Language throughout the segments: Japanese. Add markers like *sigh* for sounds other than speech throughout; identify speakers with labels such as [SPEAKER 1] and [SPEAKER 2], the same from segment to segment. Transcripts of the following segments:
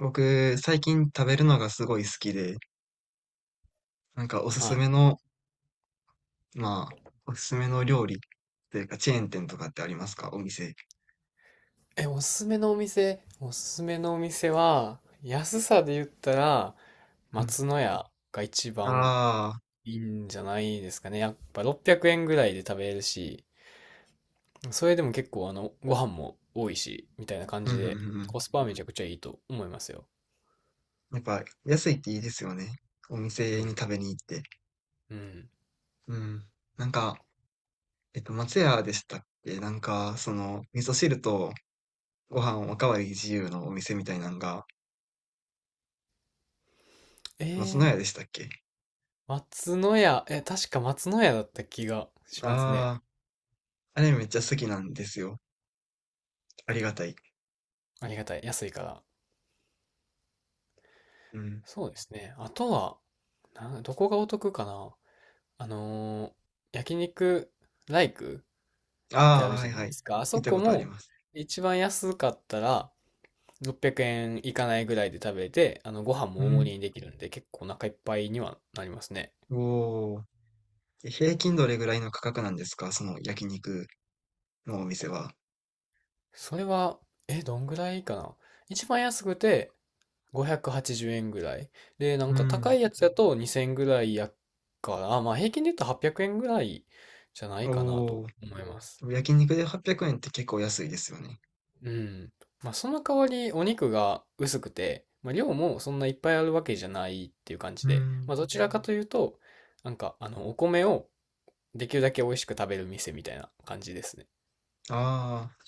[SPEAKER 1] 僕、最近食べるのがすごい好きで、なんか
[SPEAKER 2] は
[SPEAKER 1] まあ、おすすめの料理というか、チェーン店とかってありますか、お店？
[SPEAKER 2] い。おすすめのお店は、安さで言ったら、
[SPEAKER 1] うん。
[SPEAKER 2] 松の家が一番
[SPEAKER 1] ああ、
[SPEAKER 2] いいんじゃないですかね。やっぱ600円ぐらいで食べれるし、それでも結構ご飯も多いし、みたいな感
[SPEAKER 1] うん
[SPEAKER 2] じ
[SPEAKER 1] うんうんう
[SPEAKER 2] で、
[SPEAKER 1] ん。
[SPEAKER 2] コスパはめちゃくちゃいいと思いますよ。
[SPEAKER 1] やっぱ、安いっていいですよね。お
[SPEAKER 2] う
[SPEAKER 1] 店に
[SPEAKER 2] ん。
[SPEAKER 1] 食べに行って。
[SPEAKER 2] うん。
[SPEAKER 1] うん。なんか、松屋でしたっけ、なんか、味噌汁とご飯おかわり自由のお店みたいなのが、
[SPEAKER 2] え
[SPEAKER 1] 松の
[SPEAKER 2] ー、
[SPEAKER 1] 屋でしたっけ？
[SPEAKER 2] 松の家、え、確か松の家だった気がしますね。
[SPEAKER 1] ああー、あれめっちゃ好きなんですよ。ありがたい。
[SPEAKER 2] ありがたい。安いから。
[SPEAKER 1] うん。
[SPEAKER 2] そうですね。あとは、どこがお得かな。あのー焼肉ライクってあ
[SPEAKER 1] ああ、
[SPEAKER 2] る
[SPEAKER 1] は
[SPEAKER 2] じゃ
[SPEAKER 1] い
[SPEAKER 2] ない
[SPEAKER 1] は
[SPEAKER 2] で
[SPEAKER 1] い。
[SPEAKER 2] すか。あ
[SPEAKER 1] 見
[SPEAKER 2] そ
[SPEAKER 1] た
[SPEAKER 2] こ
[SPEAKER 1] ことあり
[SPEAKER 2] も
[SPEAKER 1] ます。
[SPEAKER 2] 一番安かったら600円いかないぐらいで食べて、ご飯
[SPEAKER 1] う
[SPEAKER 2] も大盛
[SPEAKER 1] ん。
[SPEAKER 2] りにできるんで結構お腹いっぱいにはなりますね。
[SPEAKER 1] おお。え、平均どれぐらいの価格なんですか、その焼肉のお店は？
[SPEAKER 2] それは、どんぐらいかな。一番安くて580円ぐらい。で、な
[SPEAKER 1] う
[SPEAKER 2] んか高
[SPEAKER 1] ん。
[SPEAKER 2] いやつだと2000円ぐらいやから、まあ平均で言うと800円ぐらいじゃないかな
[SPEAKER 1] お
[SPEAKER 2] と
[SPEAKER 1] お。
[SPEAKER 2] 思いま
[SPEAKER 1] で
[SPEAKER 2] す。
[SPEAKER 1] も焼肉で800円って結構安いですよね。
[SPEAKER 2] うん。まあ、その代わりお肉が薄くて、まあ、量もそんないっぱいあるわけじゃないっていう感じ
[SPEAKER 1] う
[SPEAKER 2] で、
[SPEAKER 1] ん。
[SPEAKER 2] まあ、どちらかというと、なんか、お米をできるだけ美味しく食べる店みたいな感じですね。
[SPEAKER 1] あ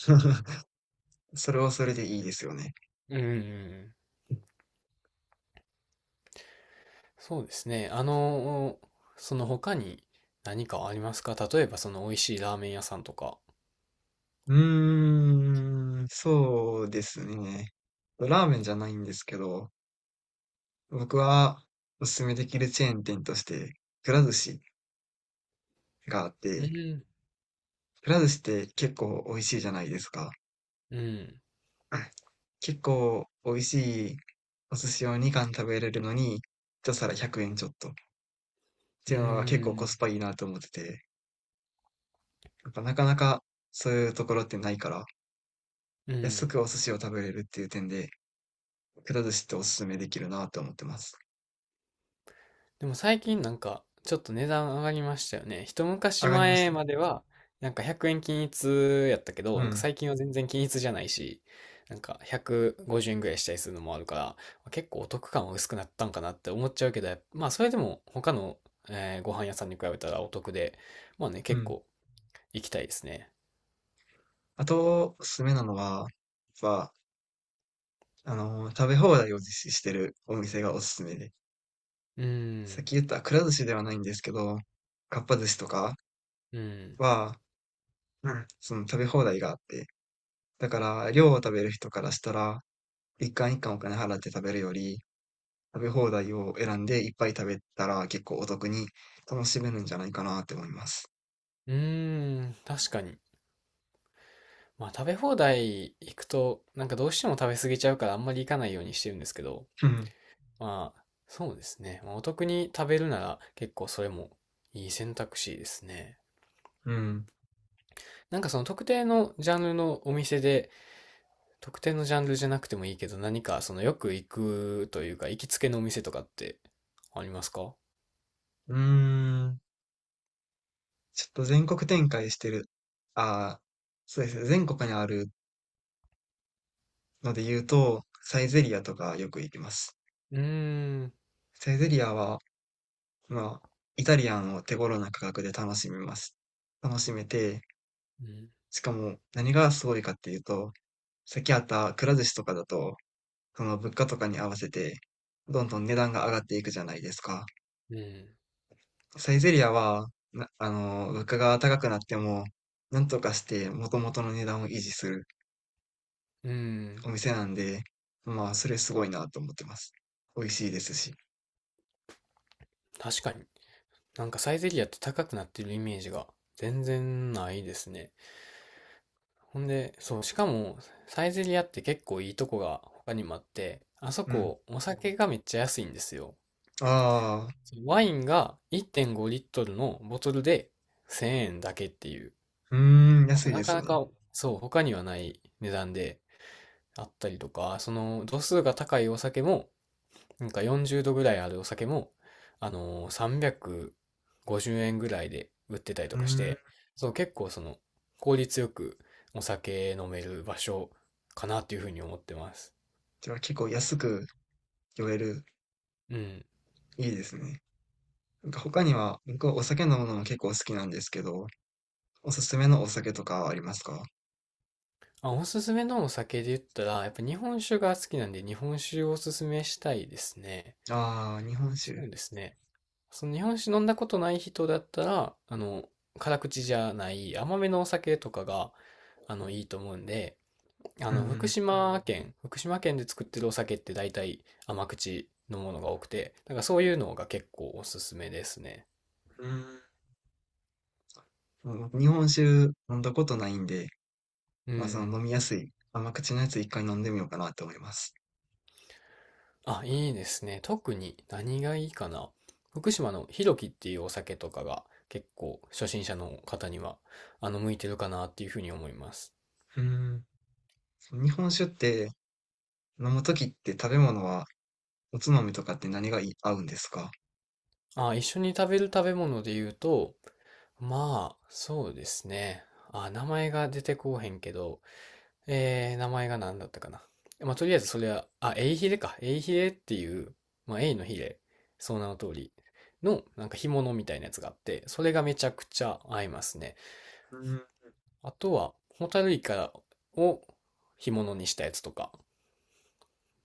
[SPEAKER 1] あ、それはそれでいいですよね。
[SPEAKER 2] うんうんうん。そうですね。その他に何かありますか？例えばその美味しいラーメン屋さんとか。
[SPEAKER 1] うーん、そうですね。ラーメンじゃないんですけど、僕はおすすめできるチェーン店として、くら寿司があっ
[SPEAKER 2] う
[SPEAKER 1] て、
[SPEAKER 2] ん。
[SPEAKER 1] くら寿司って結構美味しいじゃないですか。
[SPEAKER 2] うん。
[SPEAKER 1] *laughs* あ、結構美味しいお寿司を2貫食べれるのに、一皿100円ちょっとって
[SPEAKER 2] う
[SPEAKER 1] いうのが結構コス
[SPEAKER 2] ん。
[SPEAKER 1] パいいなと思ってて、やっぱなかなかそういうところってないから、
[SPEAKER 2] う
[SPEAKER 1] 安
[SPEAKER 2] ん。
[SPEAKER 1] くお寿司を食べれるっていう点で、くら寿司っておすすめできるなと思ってます。
[SPEAKER 2] でも最近なんか、ちょっと値段上がりましたよね。一昔
[SPEAKER 1] 上がりました
[SPEAKER 2] 前
[SPEAKER 1] ね。
[SPEAKER 2] までは、なんか100円均一やったけ
[SPEAKER 1] う
[SPEAKER 2] ど、なんか
[SPEAKER 1] ん、
[SPEAKER 2] 最近は全然均一じゃないし、なんか150円ぐらいしたりするのもあるから、結構お得感は薄くなったんかなって思っちゃうけど、やっぱまあそれでも他の、ご飯屋さんに比べたらお得で、まあね、
[SPEAKER 1] う
[SPEAKER 2] 結
[SPEAKER 1] ん。
[SPEAKER 2] 構行きたいですね。
[SPEAKER 1] あと、おすすめなのは、やっぱ、食べ放題を実施してるお店がおすすめで、
[SPEAKER 2] うー
[SPEAKER 1] さっ
[SPEAKER 2] ん、
[SPEAKER 1] き言ったくら寿司ではないんですけど、かっぱ寿司とか
[SPEAKER 2] うん、
[SPEAKER 1] は、うん、その食べ放題があって、だから、量を食べる人からしたら、一貫一貫お金払って食べるより、食べ放題を選んでいっぱい食べたら結構お得に楽しめるんじゃないかなって思います。
[SPEAKER 2] うーん、確かに。まあ食べ放題行くと、なんかどうしても食べ過ぎちゃうからあんまり行かないようにしてるんですけど、
[SPEAKER 1] うん。
[SPEAKER 2] まあ、そうですね。まあお得に食べるなら結構それもいい選択肢ですね。
[SPEAKER 1] うん。
[SPEAKER 2] なんかその特定のジャンルのお店で、特定のジャンルじゃなくてもいいけど、何かそのよく行くというか、行きつけのお店とかってありますか？
[SPEAKER 1] うーん。ちょっと全国展開してる。ああ、そうですね。全国にあるので言うと、サイゼリアとかよく行きます。
[SPEAKER 2] うーん。
[SPEAKER 1] サイゼリアは、まあ、イタリアンを手頃な価格で楽しめて、
[SPEAKER 2] うん。
[SPEAKER 1] しかも何がすごいかっていうと、さっきあったくら寿司とかだと、その物価とかに合わせて、どんどん値段が上がっていくじゃないですか。
[SPEAKER 2] うん。
[SPEAKER 1] サイゼリアは、な、あの、物価が高くなっても、なんとかして元々の値段を維持する
[SPEAKER 2] うん。
[SPEAKER 1] お店なんで、まあ、それすごいなと思ってます。美味しいですし。
[SPEAKER 2] 確かに。なんかサイゼリアって高くなってるイメージが全然ないですね。ほんで、そう、しかも、サイゼリアって結構いいとこが他にもあって、あそ
[SPEAKER 1] うん。
[SPEAKER 2] こ、お酒がめっちゃ安いんですよ。
[SPEAKER 1] ああ、
[SPEAKER 2] ワインが1.5リットルのボトルで1000円だけっていう、
[SPEAKER 1] うーん、安いで
[SPEAKER 2] なか
[SPEAKER 1] すね。
[SPEAKER 2] なか、そう、他にはない値段であったりとか、その、度数が高いお酒も、なんか40度ぐらいあるお酒も、あのー、350円ぐらいで売ってたり
[SPEAKER 1] う
[SPEAKER 2] と
[SPEAKER 1] ー
[SPEAKER 2] かし
[SPEAKER 1] ん。
[SPEAKER 2] て、そう、結構その、効率よくお酒飲める場所かなっていうふうに思ってます。
[SPEAKER 1] じゃあ結構安く酔える。
[SPEAKER 2] うん。
[SPEAKER 1] いいですね。なんか他には、僕はお酒飲むのも結構好きなんですけど、おすすめのお酒とかはありますか？
[SPEAKER 2] あ、おすすめのお酒で言ったら、やっぱ日本酒が好きなんで、日本酒をおすすめしたいですね。
[SPEAKER 1] ああー、日本
[SPEAKER 2] そ
[SPEAKER 1] 酒。
[SPEAKER 2] うですね。その日本酒飲んだことない人だったら、辛口じゃない甘めのお酒とかが、いいと思うんで、
[SPEAKER 1] うんうん。
[SPEAKER 2] 福島県で作ってるお酒って大体甘口のものが多くて、だからそういうのが結構おすすめですね。
[SPEAKER 1] うーん、その日本酒飲んだことないんで、
[SPEAKER 2] う
[SPEAKER 1] まあ、その
[SPEAKER 2] ん。
[SPEAKER 1] 飲みやすい甘口のやつ一回飲んでみようかなって思います。
[SPEAKER 2] あ、いいですね。特に何がいいかな。福島のひろきっていうお酒とかが結構初心者の方には、向いてるかなっていうふうに思います。
[SPEAKER 1] うん。その日本酒って飲むときって食べ物はおつまみとかって何がい合うんですか？
[SPEAKER 2] あ、一緒に食べる食べ物で言うと、まあ、そうですね。あ、名前が出てこうへんけど、名前が何だったかな。まあ、とりあえずそれは、あ、エイヒレか。エイヒレっていう、まあ、エイのヒレ、その名の通りの、なんか干物みたいなやつがあって、それがめちゃくちゃ合いますね。
[SPEAKER 1] うん。
[SPEAKER 2] あとは、ホタルイカを干物にしたやつとか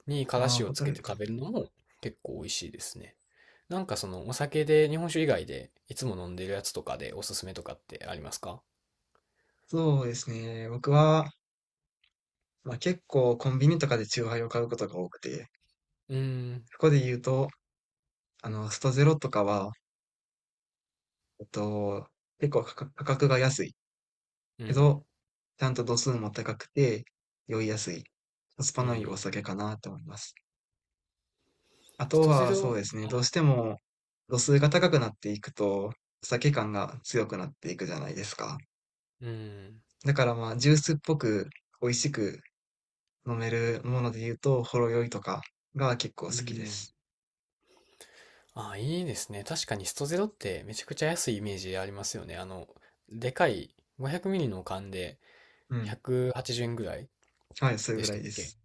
[SPEAKER 2] にから
[SPEAKER 1] ああ、
[SPEAKER 2] しを
[SPEAKER 1] ホ
[SPEAKER 2] つ
[SPEAKER 1] タ
[SPEAKER 2] け
[SPEAKER 1] ルイ
[SPEAKER 2] て
[SPEAKER 1] カ。
[SPEAKER 2] 食べるのも結構美味しいですね。なんかそのお酒で日本酒以外でいつも飲んでるやつとかでおすすめとかってありますか？
[SPEAKER 1] そうですね。僕は、まあ、結構コンビニとかでチューハイを買うことが多くて、
[SPEAKER 2] うーん、
[SPEAKER 1] そこで言うと、ストゼロとかは、えっと、結構価格が安い
[SPEAKER 2] う
[SPEAKER 1] け
[SPEAKER 2] ん、
[SPEAKER 1] ど、ちゃんと度数も高くて、酔いやすい、コスパ
[SPEAKER 2] う
[SPEAKER 1] のいいお
[SPEAKER 2] ん。
[SPEAKER 1] 酒かなと思います。あ
[SPEAKER 2] ス
[SPEAKER 1] と
[SPEAKER 2] トゼ
[SPEAKER 1] は、そう
[SPEAKER 2] ロ、
[SPEAKER 1] ですね、どうしても度数が高くなっていくと、お酒感が強くなっていくじゃないですか。
[SPEAKER 2] うん、
[SPEAKER 1] だからまあ、ジュースっぽく美味しく飲めるもので言うと、ほろ酔いとかが結構好
[SPEAKER 2] う
[SPEAKER 1] きで
[SPEAKER 2] ん。
[SPEAKER 1] す。
[SPEAKER 2] ああ、いいですね。確かにストゼロってめちゃくちゃ安いイメージありますよね。でかい 500ml の缶で
[SPEAKER 1] うん。
[SPEAKER 2] 180円ぐらい
[SPEAKER 1] はい、それ
[SPEAKER 2] で
[SPEAKER 1] ぐ
[SPEAKER 2] し
[SPEAKER 1] ら
[SPEAKER 2] た
[SPEAKER 1] い
[SPEAKER 2] っ
[SPEAKER 1] で
[SPEAKER 2] け？
[SPEAKER 1] す。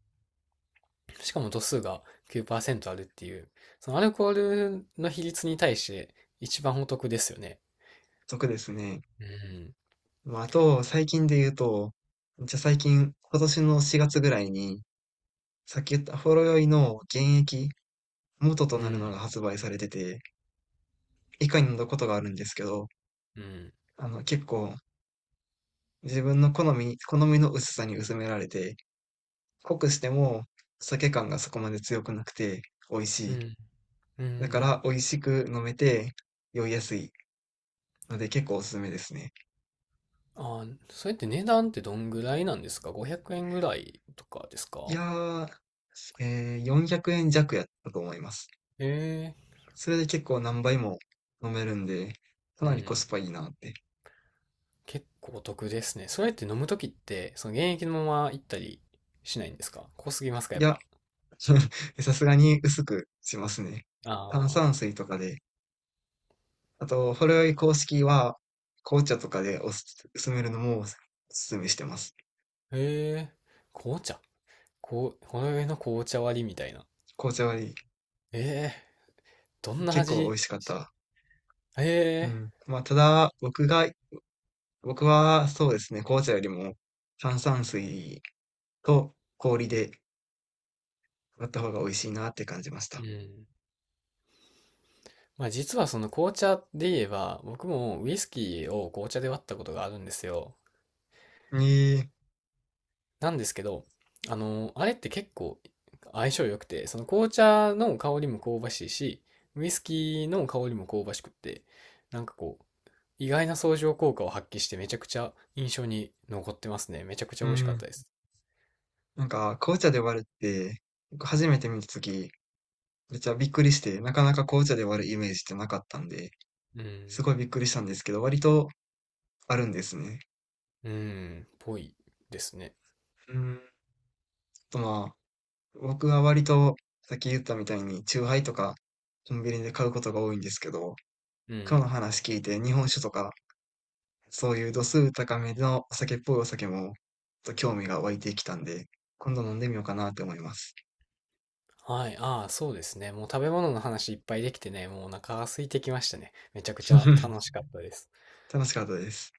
[SPEAKER 2] しかも度数が9%あるっていう、そのアルコールの比率に対して一番お得ですよね。
[SPEAKER 1] 得ですね。
[SPEAKER 2] うん、
[SPEAKER 1] まあ、あと、最近で言うと、じゃあ最近、今年の4月ぐらいに、さっき言ったほろ酔いの原液元と
[SPEAKER 2] う
[SPEAKER 1] なる
[SPEAKER 2] ん、
[SPEAKER 1] のが発売されてて、以下に載ることがあるんですけど、
[SPEAKER 2] うん、
[SPEAKER 1] 結構自分の好みの薄さに薄められて、濃くしても酒感がそこまで強くなくて美味し
[SPEAKER 2] う
[SPEAKER 1] い。
[SPEAKER 2] ん、う
[SPEAKER 1] だから
[SPEAKER 2] ん。
[SPEAKER 1] 美味しく飲めて酔いやすいので結構おすすめですね。
[SPEAKER 2] ああ、それって値段ってどんぐらいなんですか ?500 円ぐらいとかです
[SPEAKER 1] い
[SPEAKER 2] か？
[SPEAKER 1] やー、400円弱やったと思います。
[SPEAKER 2] え
[SPEAKER 1] それで結構何倍も飲めるんで、か
[SPEAKER 2] え、う
[SPEAKER 1] なりコス
[SPEAKER 2] ん。
[SPEAKER 1] パいいなって。
[SPEAKER 2] 結構お得ですね。それって飲むときって、その現役のまま行ったりしないんですか？濃すぎますか？
[SPEAKER 1] い
[SPEAKER 2] やっ
[SPEAKER 1] や、
[SPEAKER 2] ぱ。
[SPEAKER 1] *laughs* さすがに薄くしますね。炭
[SPEAKER 2] あ
[SPEAKER 1] 酸水とかで、あと、ほろ酔い公式は、紅茶とかでおすすめるのもおすすめしてます。
[SPEAKER 2] あ。へえ。紅茶こう、ほろ酔いの紅茶割りみたいな。
[SPEAKER 1] 紅茶は
[SPEAKER 2] ええ。どんな
[SPEAKER 1] 結構美
[SPEAKER 2] 味？
[SPEAKER 1] 味しかった。う
[SPEAKER 2] え
[SPEAKER 1] ん。まあ、ただ、僕はそうですね、紅茶よりも炭酸水と氷で割った方が美味しいなって感じました。
[SPEAKER 2] え。うん。まあ実はその紅茶で言えば、僕もウイスキーを紅茶で割ったことがあるんですよ。
[SPEAKER 1] ええ、
[SPEAKER 2] なんですけど、あれって結構相性良くて、その紅茶の香りも香ばしいし、ウイスキーの香りも香ばしくって、なんかこう、意外な相乗効果を発揮してめちゃくちゃ印象に残ってますね。めちゃくちゃ
[SPEAKER 1] う
[SPEAKER 2] 美味しかっ
[SPEAKER 1] ん。
[SPEAKER 2] たです。
[SPEAKER 1] なんか、紅茶で割るって、僕初めて見たとき、めっちゃびっくりして、なかなか紅茶で割るイメージってなかったんで、
[SPEAKER 2] う
[SPEAKER 1] す
[SPEAKER 2] ん。
[SPEAKER 1] ごいびっくりしたんですけど、割とあるんですね。
[SPEAKER 2] うん。ぽいですね。
[SPEAKER 1] うん。あとまあ、僕は割と、さっき言ったみたいに、チューハイとか、コンビニで買うことが多いんですけど、
[SPEAKER 2] う
[SPEAKER 1] 今日の
[SPEAKER 2] ん。
[SPEAKER 1] 話聞いて、日本酒とか、そういう度数高めのお酒っぽいお酒も、ちょっと興味が湧いてきたんで、今度飲んでみようかなって思います。
[SPEAKER 2] はい。ああ、そうですね。もう食べ物の話いっぱいできてね、もうお腹が空いてきましたね。めちゃくちゃ楽
[SPEAKER 1] *laughs*
[SPEAKER 2] しかったです。
[SPEAKER 1] 楽しかったです。